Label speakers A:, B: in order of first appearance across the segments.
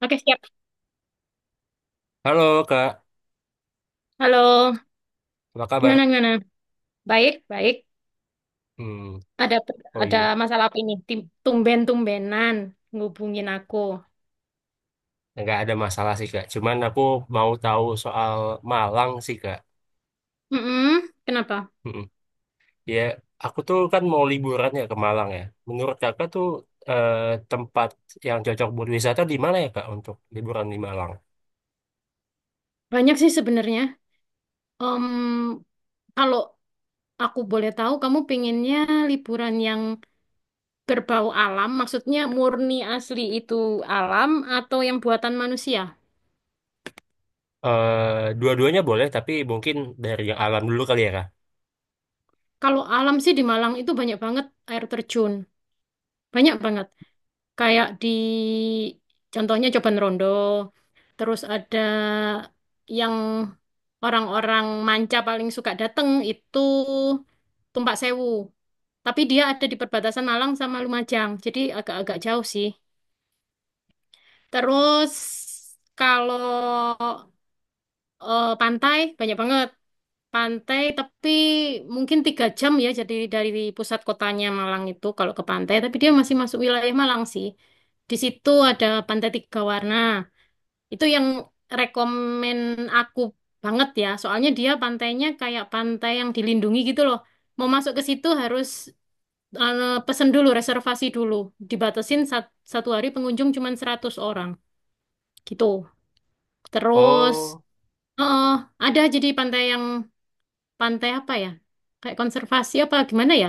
A: Oke, siap.
B: Halo Kak,
A: Halo,
B: apa kabar?
A: gimana gimana? Baik, baik.
B: Hmm,
A: Ada
B: oh
A: ada
B: iya,
A: masalah apa ini? Tumben-tumbenan ngubungin aku.
B: nggak ada masalah sih Kak. Cuman aku mau tahu soal Malang sih Kak.
A: Mm-mm, kenapa?
B: Hmm, ya, aku tuh kan mau liburan ya ke Malang ya. Menurut Kakak tuh, eh, tempat yang cocok buat wisata di mana ya Kak untuk liburan di Malang?
A: Banyak sih sebenarnya. Em, Kalau aku boleh tahu, kamu pengennya liburan yang berbau alam, maksudnya murni asli itu alam atau yang buatan manusia?
B: Eh, dua-duanya boleh, tapi mungkin dari yang alam dulu kali ya Kak.
A: Kalau alam sih di Malang itu banyak banget air terjun, banyak banget. Kayak di contohnya Coban Rondo, terus ada yang orang-orang manca paling suka dateng itu Tumpak Sewu. Tapi dia ada di perbatasan Malang sama Lumajang, jadi agak-agak jauh sih. Terus kalau pantai banyak banget. Pantai, tapi mungkin tiga jam ya, jadi dari pusat kotanya Malang itu kalau ke pantai, tapi dia masih masuk wilayah Malang sih. Di situ ada Pantai Tiga Warna. Itu yang rekomen aku banget ya, soalnya dia pantainya kayak pantai yang dilindungi gitu loh. Mau masuk ke situ harus pesen dulu, reservasi dulu. Dibatasin satu hari pengunjung cuma 100 orang gitu. Terus,
B: Oh,
A: oh, ada jadi pantai yang pantai apa ya? Kayak konservasi apa gimana ya?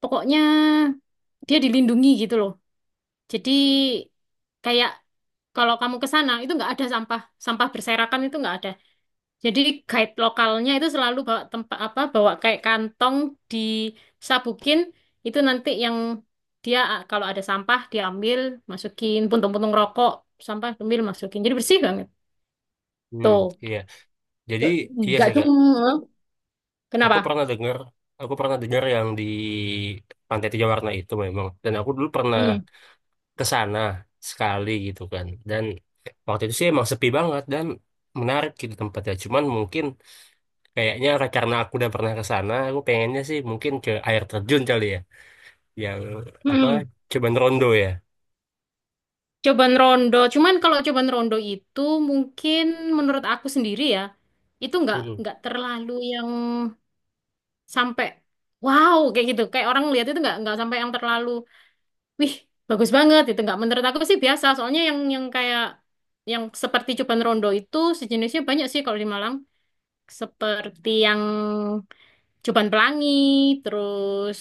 A: Pokoknya dia dilindungi gitu loh. Jadi kayak kalau kamu ke sana itu nggak ada sampah, sampah berserakan itu nggak ada. Jadi guide lokalnya itu selalu bawa tempat apa, bawa kayak kantong disabukin itu nanti yang dia ah, kalau ada sampah diambil, masukin puntung-puntung rokok, sampah ambil masukin. Jadi bersih banget.
B: hmm,
A: Tuh,
B: iya. Jadi iya
A: nggak
B: sih Kak.
A: cuma
B: Aku
A: kenapa?
B: pernah dengar, aku pernah dengar yang di Pantai Tiga Warna itu memang. Dan aku dulu pernah
A: Hmm.
B: ke sana sekali gitu kan, dan waktu itu sih emang sepi banget dan menarik gitu tempatnya. Cuman mungkin kayaknya karena aku udah pernah ke sana, aku pengennya sih mungkin ke air terjun kali ya, yang apa,
A: Hmm.
B: Cuman Rondo ya.
A: Cobaan rondo, cuman kalau cobaan rondo itu mungkin menurut aku sendiri ya, itu nggak
B: Mm-mm.
A: nggak terlalu yang sampai wow kayak gitu. Kayak orang lihat itu nggak sampai yang terlalu wih bagus banget itu nggak menurut aku sih biasa. Soalnya yang kayak yang seperti cobaan rondo itu sejenisnya banyak sih kalau di Malang. Seperti yang Coban Pelangi, terus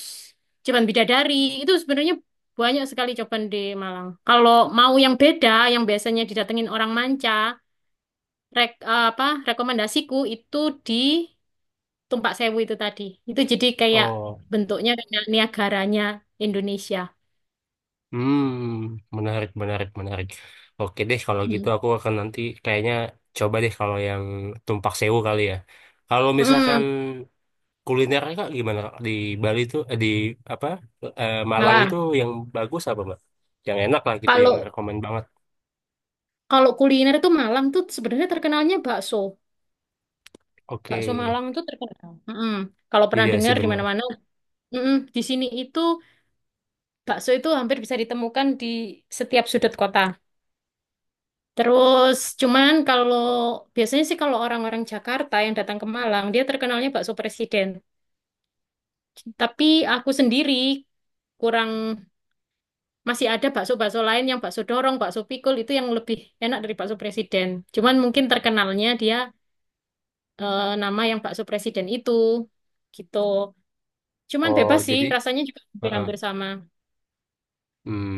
A: Coban Bidadari. Itu sebenarnya banyak sekali coban di Malang. Kalau mau yang beda, yang biasanya didatengin orang manca, apa rekomendasiku itu di Tumpak Sewu itu tadi. Itu jadi kayak
B: Oh
A: bentuknya kayak Niagaranya Indonesia.
B: hmm menarik, menarik, menarik. Oke deh, kalau gitu
A: Mm.
B: aku akan nanti kayaknya coba deh kalau yang Tumpak Sewu kali ya. Kalau misalkan
A: Mm,
B: kulinernya Kak, gimana Kak? Di Bali itu, eh, di apa, eh, Malang itu
A: Malang.
B: yang bagus apa Mbak, yang enak lah gitu, yang
A: Kalau
B: rekomend banget.
A: kalau kuliner itu Malang tuh sebenarnya terkenalnya bakso.
B: Oke,
A: Bakso Malang itu terkenal. Mm-mm. Kalau
B: jadi
A: pernah
B: ya sih
A: dengar di
B: bener.
A: mana-mana, mm-mm, di sini itu bakso itu hampir bisa ditemukan di setiap sudut kota. Terus cuman kalau biasanya sih kalau orang-orang Jakarta yang datang ke Malang, dia terkenalnya bakso presiden. Tapi aku sendiri kurang masih ada bakso-bakso lain yang bakso dorong, bakso pikul itu yang lebih enak dari bakso presiden. Cuman mungkin terkenalnya dia nama yang bakso presiden itu gitu. Cuman
B: Oh,
A: bebas sih,
B: jadi,
A: rasanya juga
B: heeh.
A: hampir-hampir sama.
B: hmm,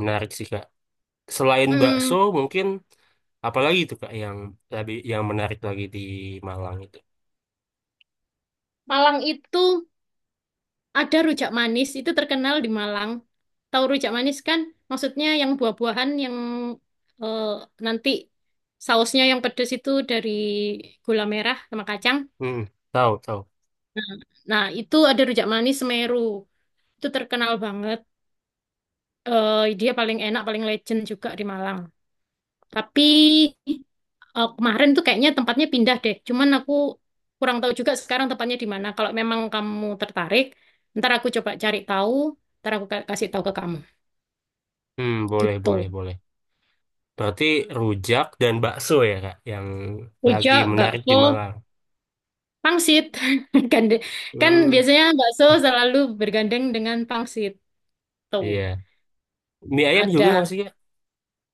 B: menarik sih Kak. Selain
A: Hmm,
B: bakso mungkin apalagi itu Kak, yang lebih yang menarik lagi di Malang itu?
A: Malang itu ada rujak manis itu terkenal di Malang. Tahu rujak manis kan? Maksudnya yang buah-buahan yang eh, nanti sausnya yang pedas itu dari gula merah sama kacang.
B: Hmm, tahu, tahu.
A: Nah, itu ada rujak manis Semeru. Itu terkenal banget. Dia paling enak, paling legend juga di Malang. Tapi kemarin tuh kayaknya tempatnya pindah deh. Cuman aku kurang tahu juga sekarang tempatnya di mana. Kalau memang kamu tertarik, ntar aku coba cari tahu, ntar aku kasih tahu ke kamu.
B: Boleh,
A: Gitu.
B: boleh, boleh. Berarti rujak dan bakso ya Kak yang lagi
A: Ujo,
B: menarik di
A: bakso,
B: Malang.
A: pangsit. Gande- Kan
B: hmm,
A: biasanya bakso selalu bergandeng dengan pangsit. Tuh,
B: iya mie ayam juga
A: ada
B: nggak sih Kak?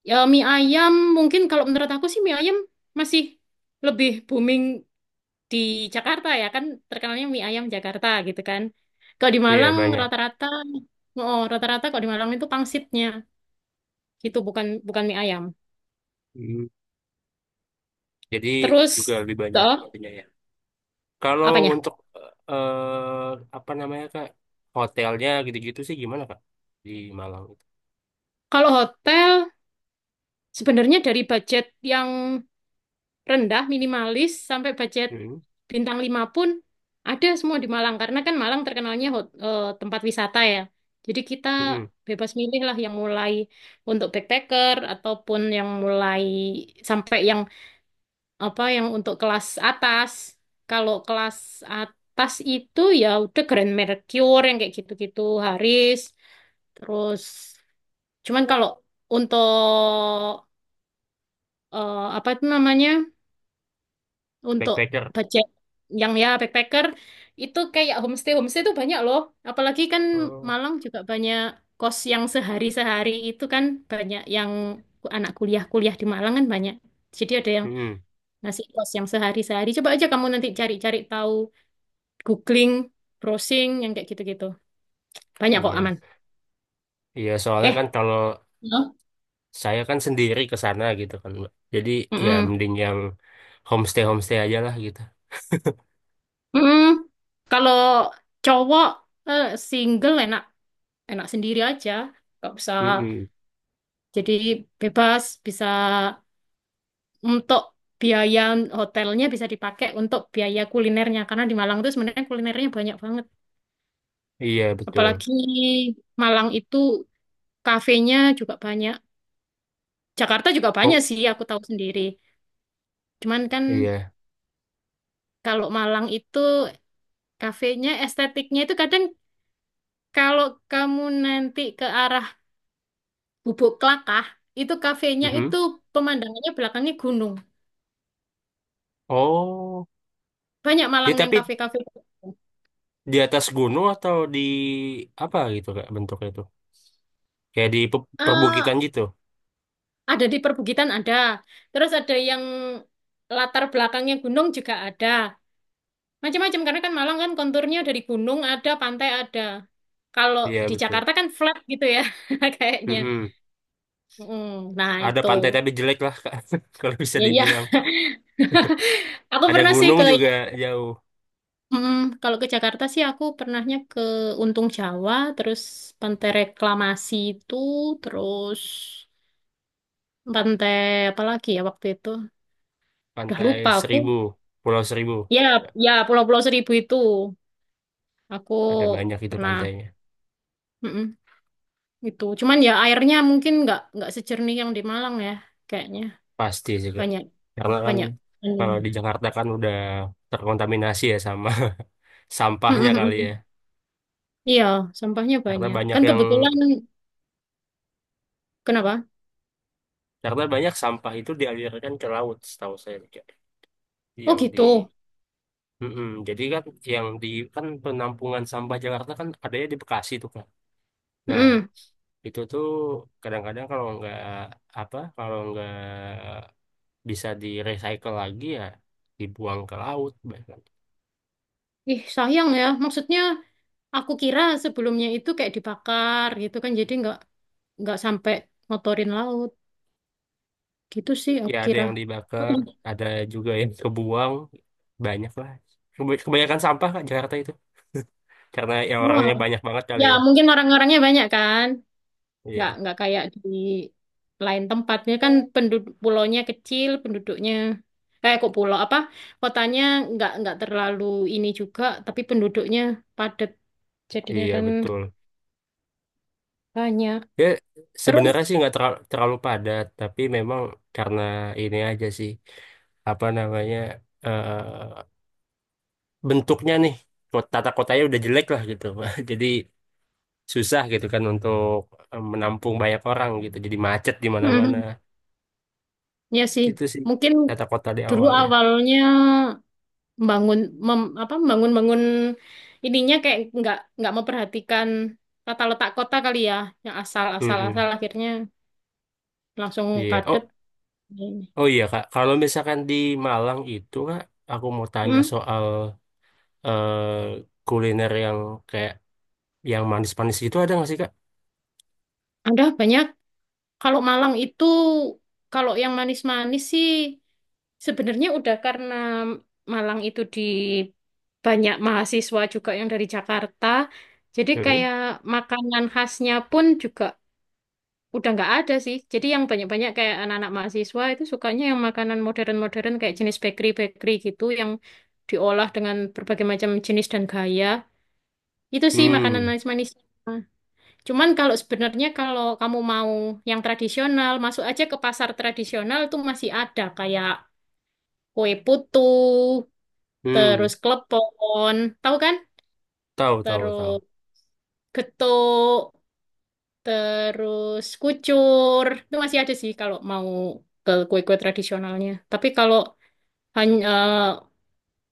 A: ya mie ayam. Mungkin kalau menurut aku sih mie ayam masih lebih booming di Jakarta ya kan terkenalnya mie ayam Jakarta gitu kan. Kalau di
B: Iya,
A: Malang
B: banyak.
A: rata-rata oh rata-rata kalau di Malang itu pangsitnya gitu bukan bukan mie ayam.
B: Hmm, Jadi
A: Terus
B: juga lebih banyak
A: toh
B: itunya ya. Kalau
A: apanya?
B: untuk apa namanya Kak, hotelnya gitu-gitu sih gimana Kak di Malang itu?
A: Kalau hotel sebenarnya dari budget yang rendah, minimalis, sampai budget
B: Hmm,
A: bintang 5 pun ada semua di Malang. Karena kan Malang terkenalnya tempat wisata ya. Jadi kita
B: hmm,
A: bebas milih lah yang mulai untuk backpacker ataupun yang mulai sampai yang apa yang untuk kelas atas. Kalau kelas atas itu ya udah Grand Mercure yang kayak gitu-gitu, Haris, terus cuman kalau untuk apa itu namanya? Untuk
B: backpacker.
A: budget yang ya backpacker itu kayak homestay homestay itu banyak loh apalagi kan
B: Oh,
A: Malang juga banyak kos yang sehari-sehari itu kan banyak yang anak kuliah-kuliah di Malang kan banyak jadi ada yang
B: hmm,
A: ngasih kos yang sehari-sehari coba aja kamu nanti cari-cari tahu googling browsing yang kayak gitu-gitu banyak kok
B: iya,
A: aman.
B: iya. Soalnya
A: eh
B: kan kalau
A: Halo?
B: saya kan sendiri ke sana gitu kan, Mbak. Jadi ya
A: Mm-mm.
B: mending yang homestay homestay aja lah gitu.
A: Mm-mm. Kalau cowok eh, single enak enak sendiri aja nggak usah.
B: Hmm,
A: Jadi bebas bisa untuk biaya hotelnya bisa dipakai untuk biaya kulinernya karena di Malang itu sebenarnya kulinernya banyak banget.
B: iya betul.
A: Apalagi Malang itu kafenya juga banyak. Jakarta juga banyak
B: Oh,
A: sih aku tahu sendiri. Cuman kan
B: iya.
A: kalau Malang itu kafenya estetiknya itu kadang kalau kamu nanti ke arah Bubuk Klakah itu kafenya
B: Hmm,
A: itu pemandangannya belakangnya gunung.
B: oh,
A: Banyak
B: dia
A: Malang yang
B: tapi
A: kafe-kafe.
B: di atas gunung atau di apa gitu Kak bentuknya itu? Kayak di perbukitan
A: Ah,
B: gitu.
A: ada di perbukitan ada. Terus ada yang latar belakangnya gunung juga ada. Macam-macam karena kan Malang kan konturnya dari gunung ada, pantai ada. Kalau
B: Iya,
A: di
B: betul.
A: Jakarta kan flat gitu ya kayaknya.
B: Mm-mm.
A: Mm, nah
B: Ada
A: itu.
B: pantai tapi jelek lah, Kak. Kalau bisa
A: Ya ya,
B: dibilang.
A: aku
B: Ada
A: pernah sih
B: gunung
A: ke
B: juga jauh.
A: Mm, kalau ke Jakarta sih aku pernahnya ke Untung Jawa, terus Pantai Reklamasi itu, terus pantai apa lagi ya waktu itu? Udah
B: Pantai
A: lupa aku.
B: Seribu, Pulau Seribu.
A: Ya, ya Pulau-Pulau Seribu itu. Aku
B: Ada banyak itu
A: pernah
B: pantainya.
A: mm-mm, itu. Cuman ya airnya mungkin nggak sejernih yang di Malang ya, kayaknya
B: Pasti juga.
A: banyak
B: Karena kan
A: banyak. Mm.
B: kalau di Jakarta kan udah terkontaminasi ya sama sampahnya kali ya.
A: Mm-mm-mm. Iya, sampahnya
B: Karena
A: banyak.
B: banyak
A: Kan
B: yang
A: kebetulan kenapa?
B: karena banyak sampah itu dialirkan ke laut, setahu saya, Kak.
A: Oh
B: Yang di
A: gitu.
B: Mm-mm. Jadi kan yang di kan penampungan sampah Jakarta kan adanya di Bekasi tuh kan. Nah,
A: Mm-mm.
B: itu tuh kadang-kadang kalau nggak bisa di recycle lagi ya, dibuang ke laut bahkan.
A: Ih sayang ya. Maksudnya aku kira sebelumnya itu kayak dibakar gitu kan, jadi nggak sampai motorin laut. Gitu sih
B: Ya
A: aku
B: ada
A: kira.
B: yang dibakar,
A: Oh,
B: ada juga yang kebuang, banyak lah. Kebanyakan sampah Kak, Jakarta itu karena ya
A: wah,
B: orangnya banyak banget kali
A: ya
B: ya.
A: mungkin orang-orangnya banyak kan. nggak
B: Iya,
A: nggak kayak di lain tempatnya kan penduduk pulaunya kecil penduduknya kayak kok pulau apa kotanya nggak terlalu ini juga tapi penduduknya padat jadinya
B: iya,
A: kan
B: betul.
A: banyak
B: Ya
A: terus
B: sebenarnya sih nggak terlalu padat, tapi memang karena ini aja sih, apa namanya, eh bentuknya nih, kota tata kotanya udah jelek lah gitu, jadi susah gitu kan untuk menampung banyak orang gitu. Jadi macet di mana-mana.
A: mhm, ya sih
B: Gitu sih
A: mungkin
B: tata kota di
A: dulu
B: awalnya.
A: awalnya membangun mem- apa membangun bangun ininya kayak nggak memperhatikan tata letak kota kali ya yang asal asal asal
B: Mm-mm.
A: akhirnya langsung
B: Iya.
A: padat
B: Oh,
A: ini.
B: oh iya Kak. Kalau misalkan di Malang itu Kak, aku mau tanya
A: Hmm,
B: soal eh, kuliner yang kayak yang manis-manis gitu ada nggak sih Kak?
A: ada banyak. Kalau Malang itu, kalau yang manis-manis sih, sebenarnya udah karena Malang itu di banyak mahasiswa juga yang dari Jakarta. Jadi
B: Mm-mm.
A: kayak makanan khasnya pun juga udah nggak ada sih. Jadi yang banyak-banyak kayak anak-anak mahasiswa itu sukanya yang makanan modern-modern kayak jenis bakery-bakery gitu yang diolah dengan berbagai macam jenis dan gaya. Itu sih makanan
B: Hmm,
A: manis-manis. Cuman kalau sebenarnya kalau kamu mau yang tradisional, masuk aja ke pasar tradisional tuh masih ada kayak kue putu, terus
B: hmm,
A: klepon, tahu kan?
B: tahu tahu, tahu.
A: Terus getuk, terus kucur. Itu masih ada sih kalau mau ke kue-kue tradisionalnya. Tapi kalau hanya eh,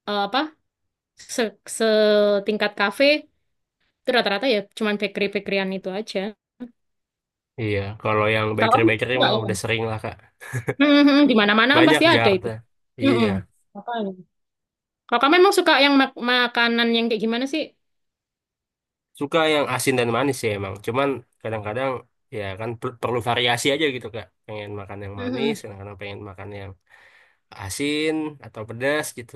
A: eh, apa se setingkat kafe itu rata-rata ya cuman bakery-bakeryan itu aja.
B: Iya, kalau yang
A: Kalau kamu
B: bakery-bakery
A: suka
B: mah
A: ya?
B: udah sering lah Kak.
A: Mhm, mhm, di mana-mana kan
B: Banyak
A: pasti ada
B: Jakarta.
A: itu. Mhm,
B: Iya.
A: makanya. Kakak memang suka yang makanan yang kayak gimana sih?
B: Suka yang asin dan manis sih emang. Cuman kadang-kadang ya kan perlu variasi aja gitu Kak. Pengen makan yang manis,
A: Mhm.
B: kadang-kadang pengen makan yang asin atau pedas gitu.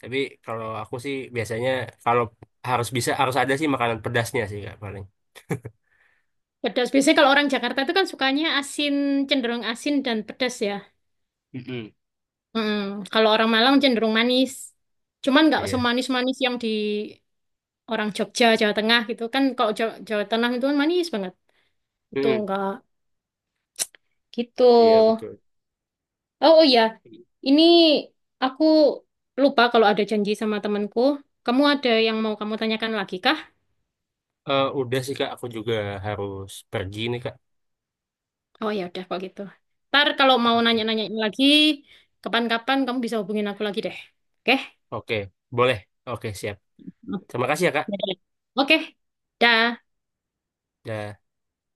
B: Tapi kalau aku sih biasanya, kalau harus bisa harus ada sih makanan pedasnya sih Kak paling.
A: Pedas. Biasanya kalau orang Jakarta itu kan sukanya asin, cenderung asin dan pedas ya.
B: Mm-mm.
A: Mhm. Kalau orang Malang cenderung manis. Cuman nggak
B: Iya.
A: semanis-manis yang di orang Jogja, Jawa Tengah gitu kan. Kalau Jawa, Jawa Tengah itu kan manis banget. Itu
B: Mm,
A: nggak gitu.
B: iya
A: Oh,
B: betul.
A: oh iya, ini aku lupa kalau ada janji sama temanku. Kamu ada yang mau kamu tanyakan lagi kah?
B: Eh, udah sih Kak, aku juga harus pergi nih Kak.
A: Oh ya udah kok gitu. Ntar kalau mau
B: Oke.
A: nanya-nanya lagi, kapan-kapan kamu bisa hubungin aku lagi deh. Oke?
B: Oke, boleh. Oke, siap. Terima kasih ya Kak.
A: Oke. Oke. Dah.
B: Dan